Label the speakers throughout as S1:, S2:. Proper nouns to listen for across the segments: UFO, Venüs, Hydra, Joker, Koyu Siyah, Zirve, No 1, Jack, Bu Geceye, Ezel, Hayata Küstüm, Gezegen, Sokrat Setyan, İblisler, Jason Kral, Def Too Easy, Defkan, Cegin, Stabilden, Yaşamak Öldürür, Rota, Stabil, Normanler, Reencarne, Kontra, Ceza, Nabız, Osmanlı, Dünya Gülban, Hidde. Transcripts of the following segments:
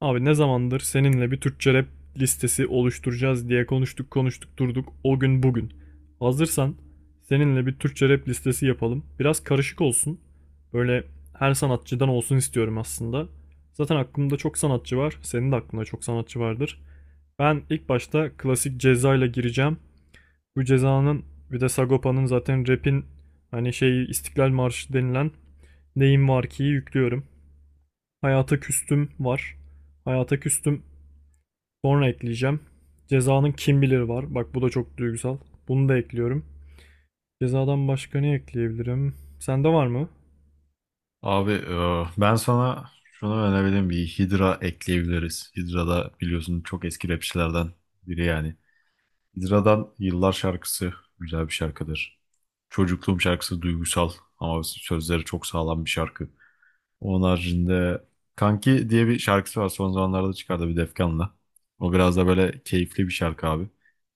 S1: Abi ne zamandır seninle bir Türkçe rap listesi oluşturacağız diye konuştuk konuştuk durduk o gün bugün. Hazırsan seninle bir Türkçe rap listesi yapalım. Biraz karışık olsun. Böyle her sanatçıdan olsun istiyorum aslında. Zaten aklımda çok sanatçı var. Senin de aklında çok sanatçı vardır. Ben ilk başta klasik Ceza ile gireceğim. Bu Ceza'nın bir de Sagopa'nın zaten rap'in hani şey İstiklal Marşı denilen Neyim Var Ki'yi yüklüyorum. Hayata Küstüm var. Hayata Küstüm sonra ekleyeceğim. Cezanın kim bilir var. Bak bu da çok duygusal. Bunu da ekliyorum. Cezadan başka ne ekleyebilirim? Sende var mı?
S2: Abi ben sana şunu önerebilirim. Bir Hydra ekleyebiliriz. Hydra da biliyorsun çok eski rapçilerden biri yani. Hydra'dan Yıllar şarkısı güzel bir şarkıdır. Çocukluğum şarkısı duygusal ama sözleri çok sağlam bir şarkı. Onun haricinde Kanki diye bir şarkısı var. Son zamanlarda çıkardı bir Defkan'la. O biraz da böyle keyifli bir şarkı abi.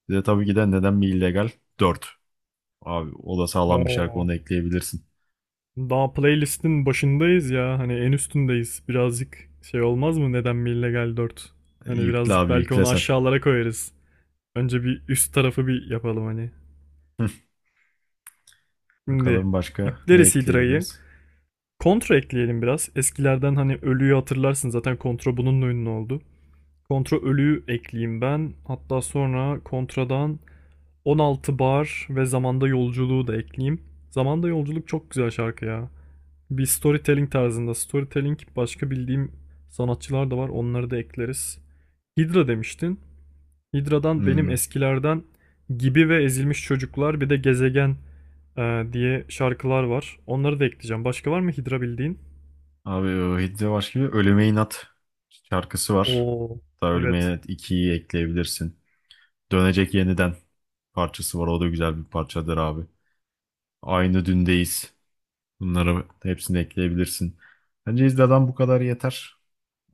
S2: Bir de tabii ki de Neden Mi illegal 4. Abi o da sağlam bir şarkı
S1: Oo.
S2: onu ekleyebilirsin.
S1: Daha playlistin başındayız ya. Hani en üstündeyiz. Birazcık şey olmaz mı? Neden mi illegal 4? Hani
S2: Yükle
S1: birazcık
S2: abi
S1: belki
S2: yükle
S1: onu
S2: sen.
S1: aşağılara koyarız. Önce bir üst tarafı bir yapalım hani. Şimdi
S2: Bakalım başka ne
S1: yükleriz Hydra'yı.
S2: ekleyebiliriz?
S1: Kontra ekleyelim biraz. Eskilerden hani ölüyü hatırlarsın zaten kontra bununla ünlü oldu. Kontra ölü ekleyeyim ben. Hatta sonra kontradan 16 bar ve zamanda yolculuğu da ekleyeyim. Zamanda yolculuk çok güzel şarkı ya. Bir storytelling tarzında. Storytelling başka bildiğim sanatçılar da var. Onları da ekleriz. Hydra demiştin. Hydra'dan benim
S2: Hmm.
S1: eskilerden Gibi ve Ezilmiş Çocuklar bir de Gezegen diye şarkılar var. Onları da ekleyeceğim. Başka var mı Hydra bildiğin?
S2: Abi o Hidde başka bir Ölüme İnat şarkısı var.
S1: Oo,
S2: Hatta Ölüme
S1: evet.
S2: İnat 2'yi ekleyebilirsin. Dönecek Yeniden parçası var. O da güzel bir parçadır abi. Aynı Dündeyiz. Bunları hepsini ekleyebilirsin. Bence Hidda'dan bu kadar yeter.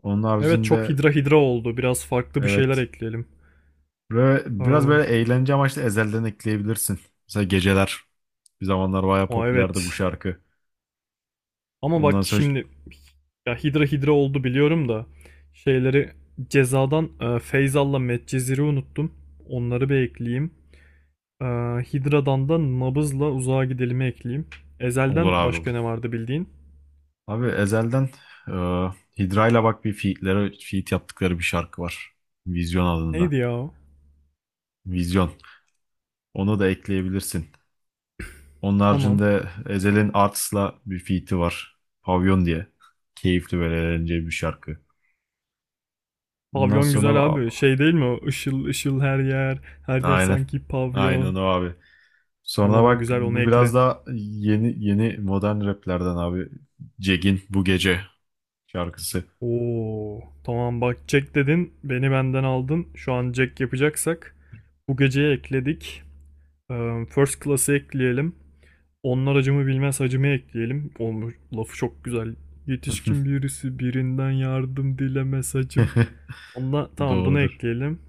S2: Onun
S1: Evet çok
S2: haricinde
S1: Hydra Hydra oldu. Biraz farklı bir şeyler
S2: evet.
S1: ekleyelim.
S2: Böyle, biraz
S1: Eee,
S2: böyle eğlence amaçlı Ezel'den ekleyebilirsin. Mesela Geceler. Bir zamanlar bayağı
S1: O
S2: popülerdi bu
S1: evet.
S2: şarkı.
S1: Ama bak
S2: Ondan sonra
S1: şimdi ya Hidra Hidra oldu biliyorum da şeyleri cezadan Feyzal'la Medcezir'i unuttum. Onları bir ekleyeyim. E, Hidra'dan da Nabız'la Uzağa Gidelim'i ekleyeyim.
S2: olur
S1: Ezel'den
S2: abi.
S1: başka ne vardı bildiğin?
S2: Abi Ezel'den e, Hidra'yla bak bir feat'lere feat yaptıkları bir şarkı var. Vizyon adında.
S1: Neydi ya o?
S2: Vizyon. Onu da ekleyebilirsin. Onun
S1: Tamam.
S2: haricinde Ezel'in Arts'la bir feat'i var. Pavyon diye. Keyifli böyle eğlenceli bir şarkı. Ondan
S1: Pavyon
S2: sonra
S1: güzel abi. Şey değil mi o? Işıl ışıl her yer. Her yer
S2: aynen.
S1: sanki
S2: Aynen
S1: pavyon.
S2: o abi. Sonra
S1: Tamam o
S2: bak
S1: güzel onu
S2: bu
S1: ekle.
S2: biraz daha yeni yeni modern raplerden abi. Cegin Bu Gece şarkısı.
S1: Oo, tamam bak Jack dedin. Beni benden aldın. Şu an Jack yapacaksak bu geceye ekledik. First Class'ı ekleyelim. Onlar acımı bilmez hacımı ekleyelim. Olmuş, lafı çok güzel. Yetişkin birisi birinden yardım dilemez hacım. Onunla, tamam bunu
S2: Doğrudur.
S1: ekleyelim.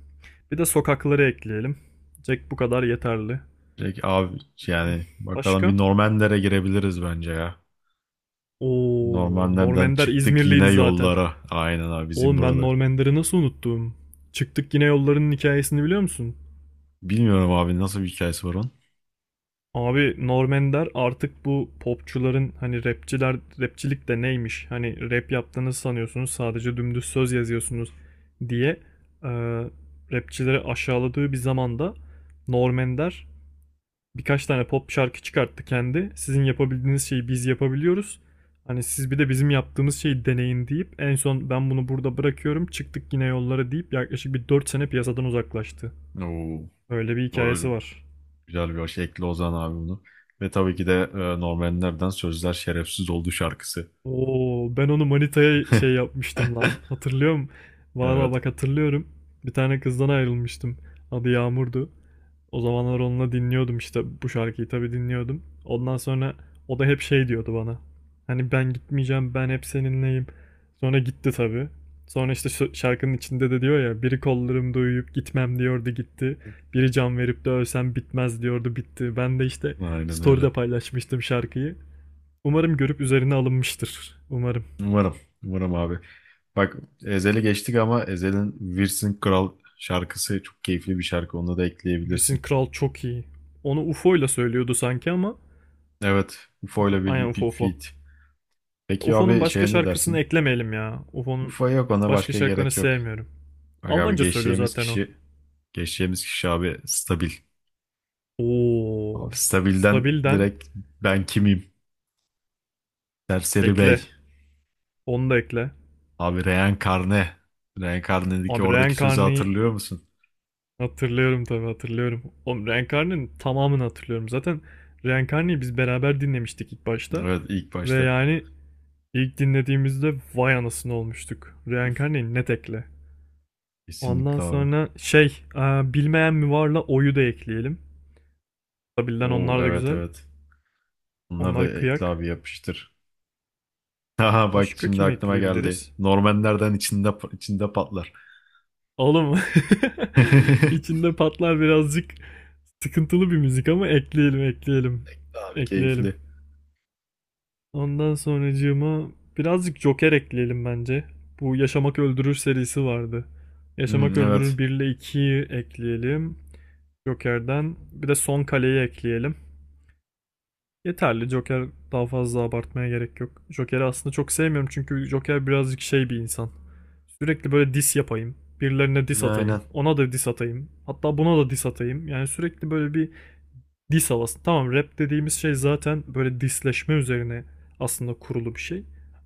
S1: Bir de sokakları ekleyelim. Jack bu kadar yeterli.
S2: Direkt abi
S1: Hmm.
S2: yani bakalım
S1: Başka?
S2: bir Normanler'e girebiliriz bence ya.
S1: Oo.
S2: Normanler'den
S1: Normender
S2: çıktık yine
S1: İzmirliydi zaten.
S2: yollara. Aynen abi bizim
S1: Oğlum ben
S2: buralı.
S1: Normender'i nasıl unuttum? Çıktık yine yollarının hikayesini biliyor musun?
S2: Bilmiyorum abi nasıl bir hikayesi var onun.
S1: Abi Norm Ender artık bu popçuların hani rapçiler rapçilik de neymiş hani rap yaptığınız sanıyorsunuz sadece dümdüz söz yazıyorsunuz diye e, rapçileri aşağıladığı bir zamanda Norm Ender birkaç tane pop şarkı çıkarttı kendi. Sizin yapabildiğiniz şeyi biz yapabiliyoruz. Hani siz bir de bizim yaptığımız şeyi deneyin deyip en son ben bunu burada bırakıyorum çıktık yine yollara deyip yaklaşık bir 4 sene piyasadan uzaklaştı.
S2: Oo,
S1: Öyle bir hikayesi
S2: böyle
S1: var.
S2: güzel bir şey. Ekli Ozan abi bunu. Ve tabii ki de Normanler'den Sözler Şerefsiz Oldu şarkısı.
S1: Oo, ben onu manitaya şey yapmıştım lan. Hatırlıyorum. Valla
S2: Evet.
S1: bak hatırlıyorum. Bir tane kızdan ayrılmıştım. Adı Yağmur'du. O zamanlar onunla dinliyordum işte bu şarkıyı tabii dinliyordum. Ondan sonra o da hep şey diyordu bana. Hani ben gitmeyeceğim, ben hep seninleyim. Sonra gitti tabii. Sonra işte şu şarkının içinde de diyor ya biri kollarımda uyuyup gitmem diyordu gitti. Biri can verip de ölsem bitmez diyordu bitti. Ben de işte
S2: Aynen öyle.
S1: story'de paylaşmıştım şarkıyı. Umarım görüp üzerine alınmıştır. Umarım.
S2: Umarım. Umarım abi. Bak Ezel'i geçtik ama Ezel'in Wirsin Kral şarkısı çok keyifli bir şarkı. Onu da
S1: Jason
S2: ekleyebilirsin.
S1: Kral çok iyi. Onu UFO ile söylüyordu sanki ama.
S2: Evet. UFO
S1: UFO,
S2: ile
S1: aynen
S2: bir
S1: UFO UFO.
S2: feat. Peki
S1: UFO'nun
S2: abi
S1: başka
S2: şeye ne
S1: şarkısını
S2: dersin?
S1: eklemeyelim ya. UFO'nun
S2: UFO yok ona
S1: başka
S2: başka
S1: şarkılarını
S2: gerek yok.
S1: sevmiyorum.
S2: Bak abi
S1: Almanca söylüyor
S2: geçeceğimiz
S1: zaten o.
S2: kişi Geçeceğimiz kişi abi Stabil. Abi
S1: Oo.
S2: Stabil'den
S1: Stabilden
S2: direkt ben kimim? Serseri
S1: ekle.
S2: Bey.
S1: Onu da ekle.
S2: Abi Reenkarne. Reenkarne'deki
S1: Abi
S2: oradaki sözü
S1: Reencarne'yi
S2: hatırlıyor musun?
S1: hatırlıyorum tabii hatırlıyorum. Oğlum Reencarne'nin tamamını hatırlıyorum. Zaten Reencarne'yi biz beraber dinlemiştik ilk başta.
S2: Evet ilk
S1: Ve
S2: başta.
S1: yani İlk dinlediğimizde vay anasını olmuştuk. Reenkarneyi net ekle. Ondan
S2: Kesinlikle abi.
S1: sonra bilmeyen mi varla oyu da ekleyelim. Tabilden
S2: Oo,
S1: onlar da
S2: evet
S1: güzel.
S2: evet. Bunları da
S1: Onlar
S2: ekle
S1: kıyak.
S2: abi yapıştır. Haha bak
S1: Başka
S2: şimdi
S1: kim
S2: aklıma geldi.
S1: ekleyebiliriz?
S2: Normanlerden içinde içinde patlar.
S1: Oğlum içinde patlar birazcık sıkıntılı bir müzik ama ekleyelim ekleyelim.
S2: Abi
S1: Ekleyelim.
S2: keyifli.
S1: Ondan sonracığıma birazcık Joker ekleyelim bence. Bu Yaşamak Öldürür serisi vardı.
S2: Hmm,
S1: Yaşamak
S2: evet.
S1: Öldürür 1 ile 2'yi ekleyelim. Joker'den bir de son kaleyi ekleyelim. Yeterli. Joker daha fazla abartmaya gerek yok. Joker'i aslında çok sevmiyorum çünkü Joker birazcık şey bir insan. Sürekli böyle diss yapayım. Birilerine diss
S2: Aynen.
S1: atayım. Ona da diss atayım. Hatta buna da diss atayım. Yani sürekli böyle bir diss havası. Tamam rap dediğimiz şey zaten böyle dissleşme üzerine aslında kurulu bir şey.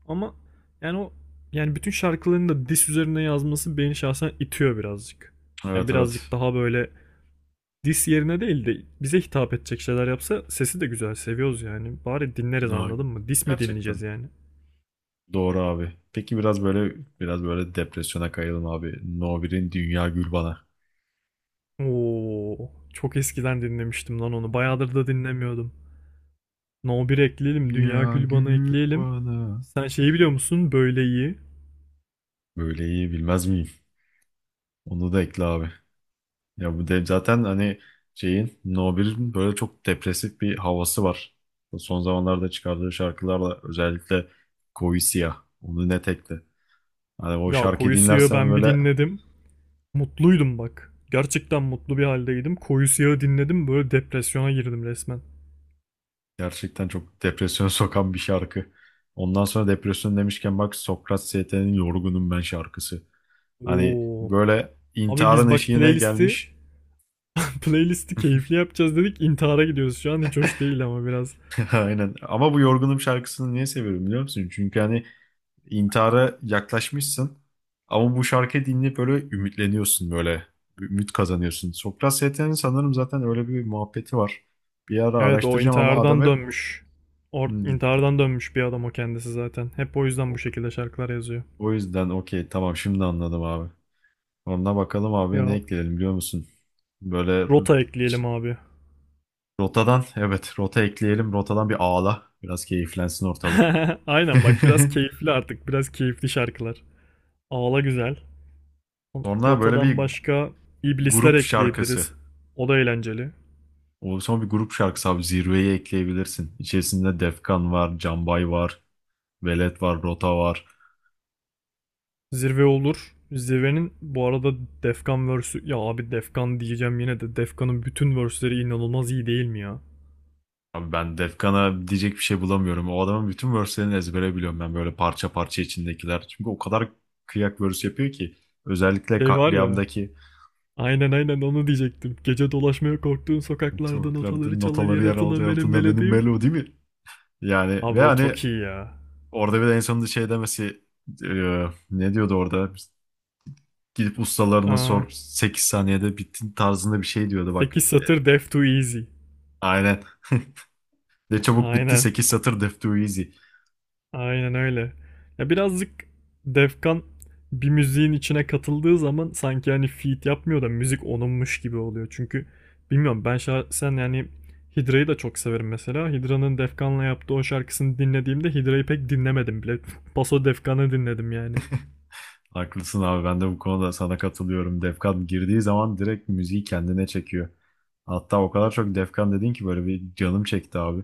S1: Ama yani o yani bütün şarkılarını da diss üzerine yazması beni şahsen itiyor birazcık. Yani
S2: Evet evet.
S1: birazcık daha böyle dis yerine değil de bize hitap edecek şeyler yapsa sesi de güzel seviyoruz yani. Bari dinleriz
S2: Ya,
S1: anladın mı? Dis mi dinleyeceğiz
S2: gerçekten.
S1: yani?
S2: Doğru abi. Peki biraz böyle depresyona kayalım abi. No 1'in Dünya Gül Bana.
S1: Oo, çok eskiden dinlemiştim lan onu. Bayağıdır da dinlemiyordum. No bir ekleyelim, Dünya
S2: Ya
S1: Gülban'ı
S2: gül
S1: ekleyelim.
S2: bana.
S1: Sen şeyi biliyor musun? Böyle iyi.
S2: Böyle iyi bilmez miyim? Onu da ekle abi. Ya zaten hani şeyin No 1'in böyle çok depresif bir havası var. Son zamanlarda çıkardığı şarkılarla özellikle Koyu Siyah. Onu net ekle. Hani o
S1: Ya
S2: şarkıyı
S1: Koyu Siyah'ı
S2: dinlersen
S1: ben bir
S2: böyle
S1: dinledim. Mutluydum bak. Gerçekten mutlu bir haldeydim. Koyu Siyah'ı dinledim böyle depresyona girdim resmen.
S2: gerçekten çok depresyona sokan bir şarkı. Ondan sonra depresyon demişken bak Sokrat ST'nin Yorgunum Ben şarkısı. Hani
S1: Oo.
S2: böyle
S1: Abi
S2: intiharın
S1: biz bak
S2: eşiğine
S1: playlisti
S2: gelmiş.
S1: playlisti keyifli yapacağız dedik. İntihar'a gidiyoruz şu an. Hiç hoş değil ama biraz.
S2: Aynen. Ama bu Yorgunum şarkısını niye seviyorum biliyor musun? Çünkü hani intihara yaklaşmışsın. Ama bu şarkıyı dinleyip böyle ümitleniyorsun böyle. Ümit kazanıyorsun. Sokrat Setyan'ın sanırım zaten öyle bir muhabbeti var. Bir ara
S1: Evet o
S2: araştıracağım ama adam
S1: intihardan
S2: hep.
S1: dönmüş. Or
S2: "Hmm,
S1: intihardan dönmüş bir adam o kendisi zaten. Hep o yüzden bu şekilde şarkılar yazıyor.
S2: O yüzden okey tamam şimdi anladım abi. Onunla bakalım abi ne
S1: Ya
S2: ekleyelim biliyor musun? Böyle
S1: rota ekleyelim abi.
S2: rotadan evet rota ekleyelim. Rotadan bir ağla. Biraz keyiflensin ortalık.
S1: Aynen bak biraz keyifli artık. Biraz keyifli şarkılar. Ağla güzel.
S2: Sonra böyle
S1: Rotadan
S2: bir
S1: başka iblisler
S2: grup şarkısı.
S1: ekleyebiliriz. O da eğlenceli.
S2: O son bir grup şarkısı abi zirveyi ekleyebilirsin. İçerisinde Defkan var, Canbay var, Velet var, Rota var.
S1: Zirve olur. Zirvenin bu arada Defkan verse'ü ya abi Defkan diyeceğim yine de Defkan'ın bütün verse'leri inanılmaz iyi değil mi ya?
S2: Abi ben Defkan'a diyecek bir şey bulamıyorum. O adamın bütün verse'lerini ezbere biliyorum ben böyle parça parça içindekiler. Çünkü o kadar kıyak verse yapıyor ki. Özellikle
S1: Şey var ya.
S2: katliamdaki
S1: Aynen aynen onu diyecektim. Gece dolaşmaya korktuğun sokaklarda
S2: tuvaklarda
S1: notaları çalar
S2: notaları
S1: yere
S2: yer
S1: atılan
S2: aldığı
S1: benim
S2: altında
S1: melodi
S2: benim
S1: mi?
S2: Melo değil mi? Yani ve
S1: Abi o
S2: hani
S1: çok iyi ya.
S2: orada bir de en sonunda şey demesi e, ne diyordu orada? Gidip ustalarına
S1: Aa,
S2: sor 8 saniyede bitti tarzında bir şey diyordu bak.
S1: 8 satır Def Too Easy.
S2: Aynen. Ne çabuk bitti
S1: Aynen.
S2: sekiz satır def too easy.
S1: Aynen öyle. Ya birazcık Defkan bir müziğin içine katıldığı zaman sanki hani feat yapmıyor da müzik onunmuş gibi oluyor. Çünkü bilmiyorum ben şahsen yani Hydra'yı da çok severim mesela. Hydra'nın Defkan'la yaptığı o şarkısını dinlediğimde Hydra'yı pek dinlemedim bile. Paso Defkan'ı dinledim yani.
S2: Haklısın abi ben de bu konuda sana katılıyorum. Defkan girdiği zaman direkt müziği kendine çekiyor. Hatta o kadar çok Defkan dedin ki böyle bir canım çekti abi.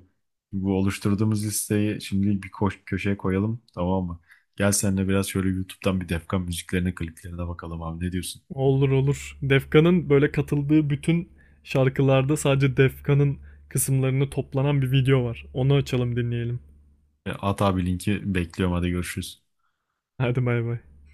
S2: Bu oluşturduğumuz listeyi şimdi bir koş köşeye koyalım tamam mı? Gel seninle biraz şöyle YouTube'dan bir Defkan müziklerine kliplerine bakalım abi ne diyorsun?
S1: Olur olur. Defkan'ın böyle katıldığı bütün şarkılarda sadece Defkan'ın kısımlarını toplanan bir video var. Onu açalım dinleyelim.
S2: At abi linki bekliyorum hadi görüşürüz.
S1: Hadi bay bay.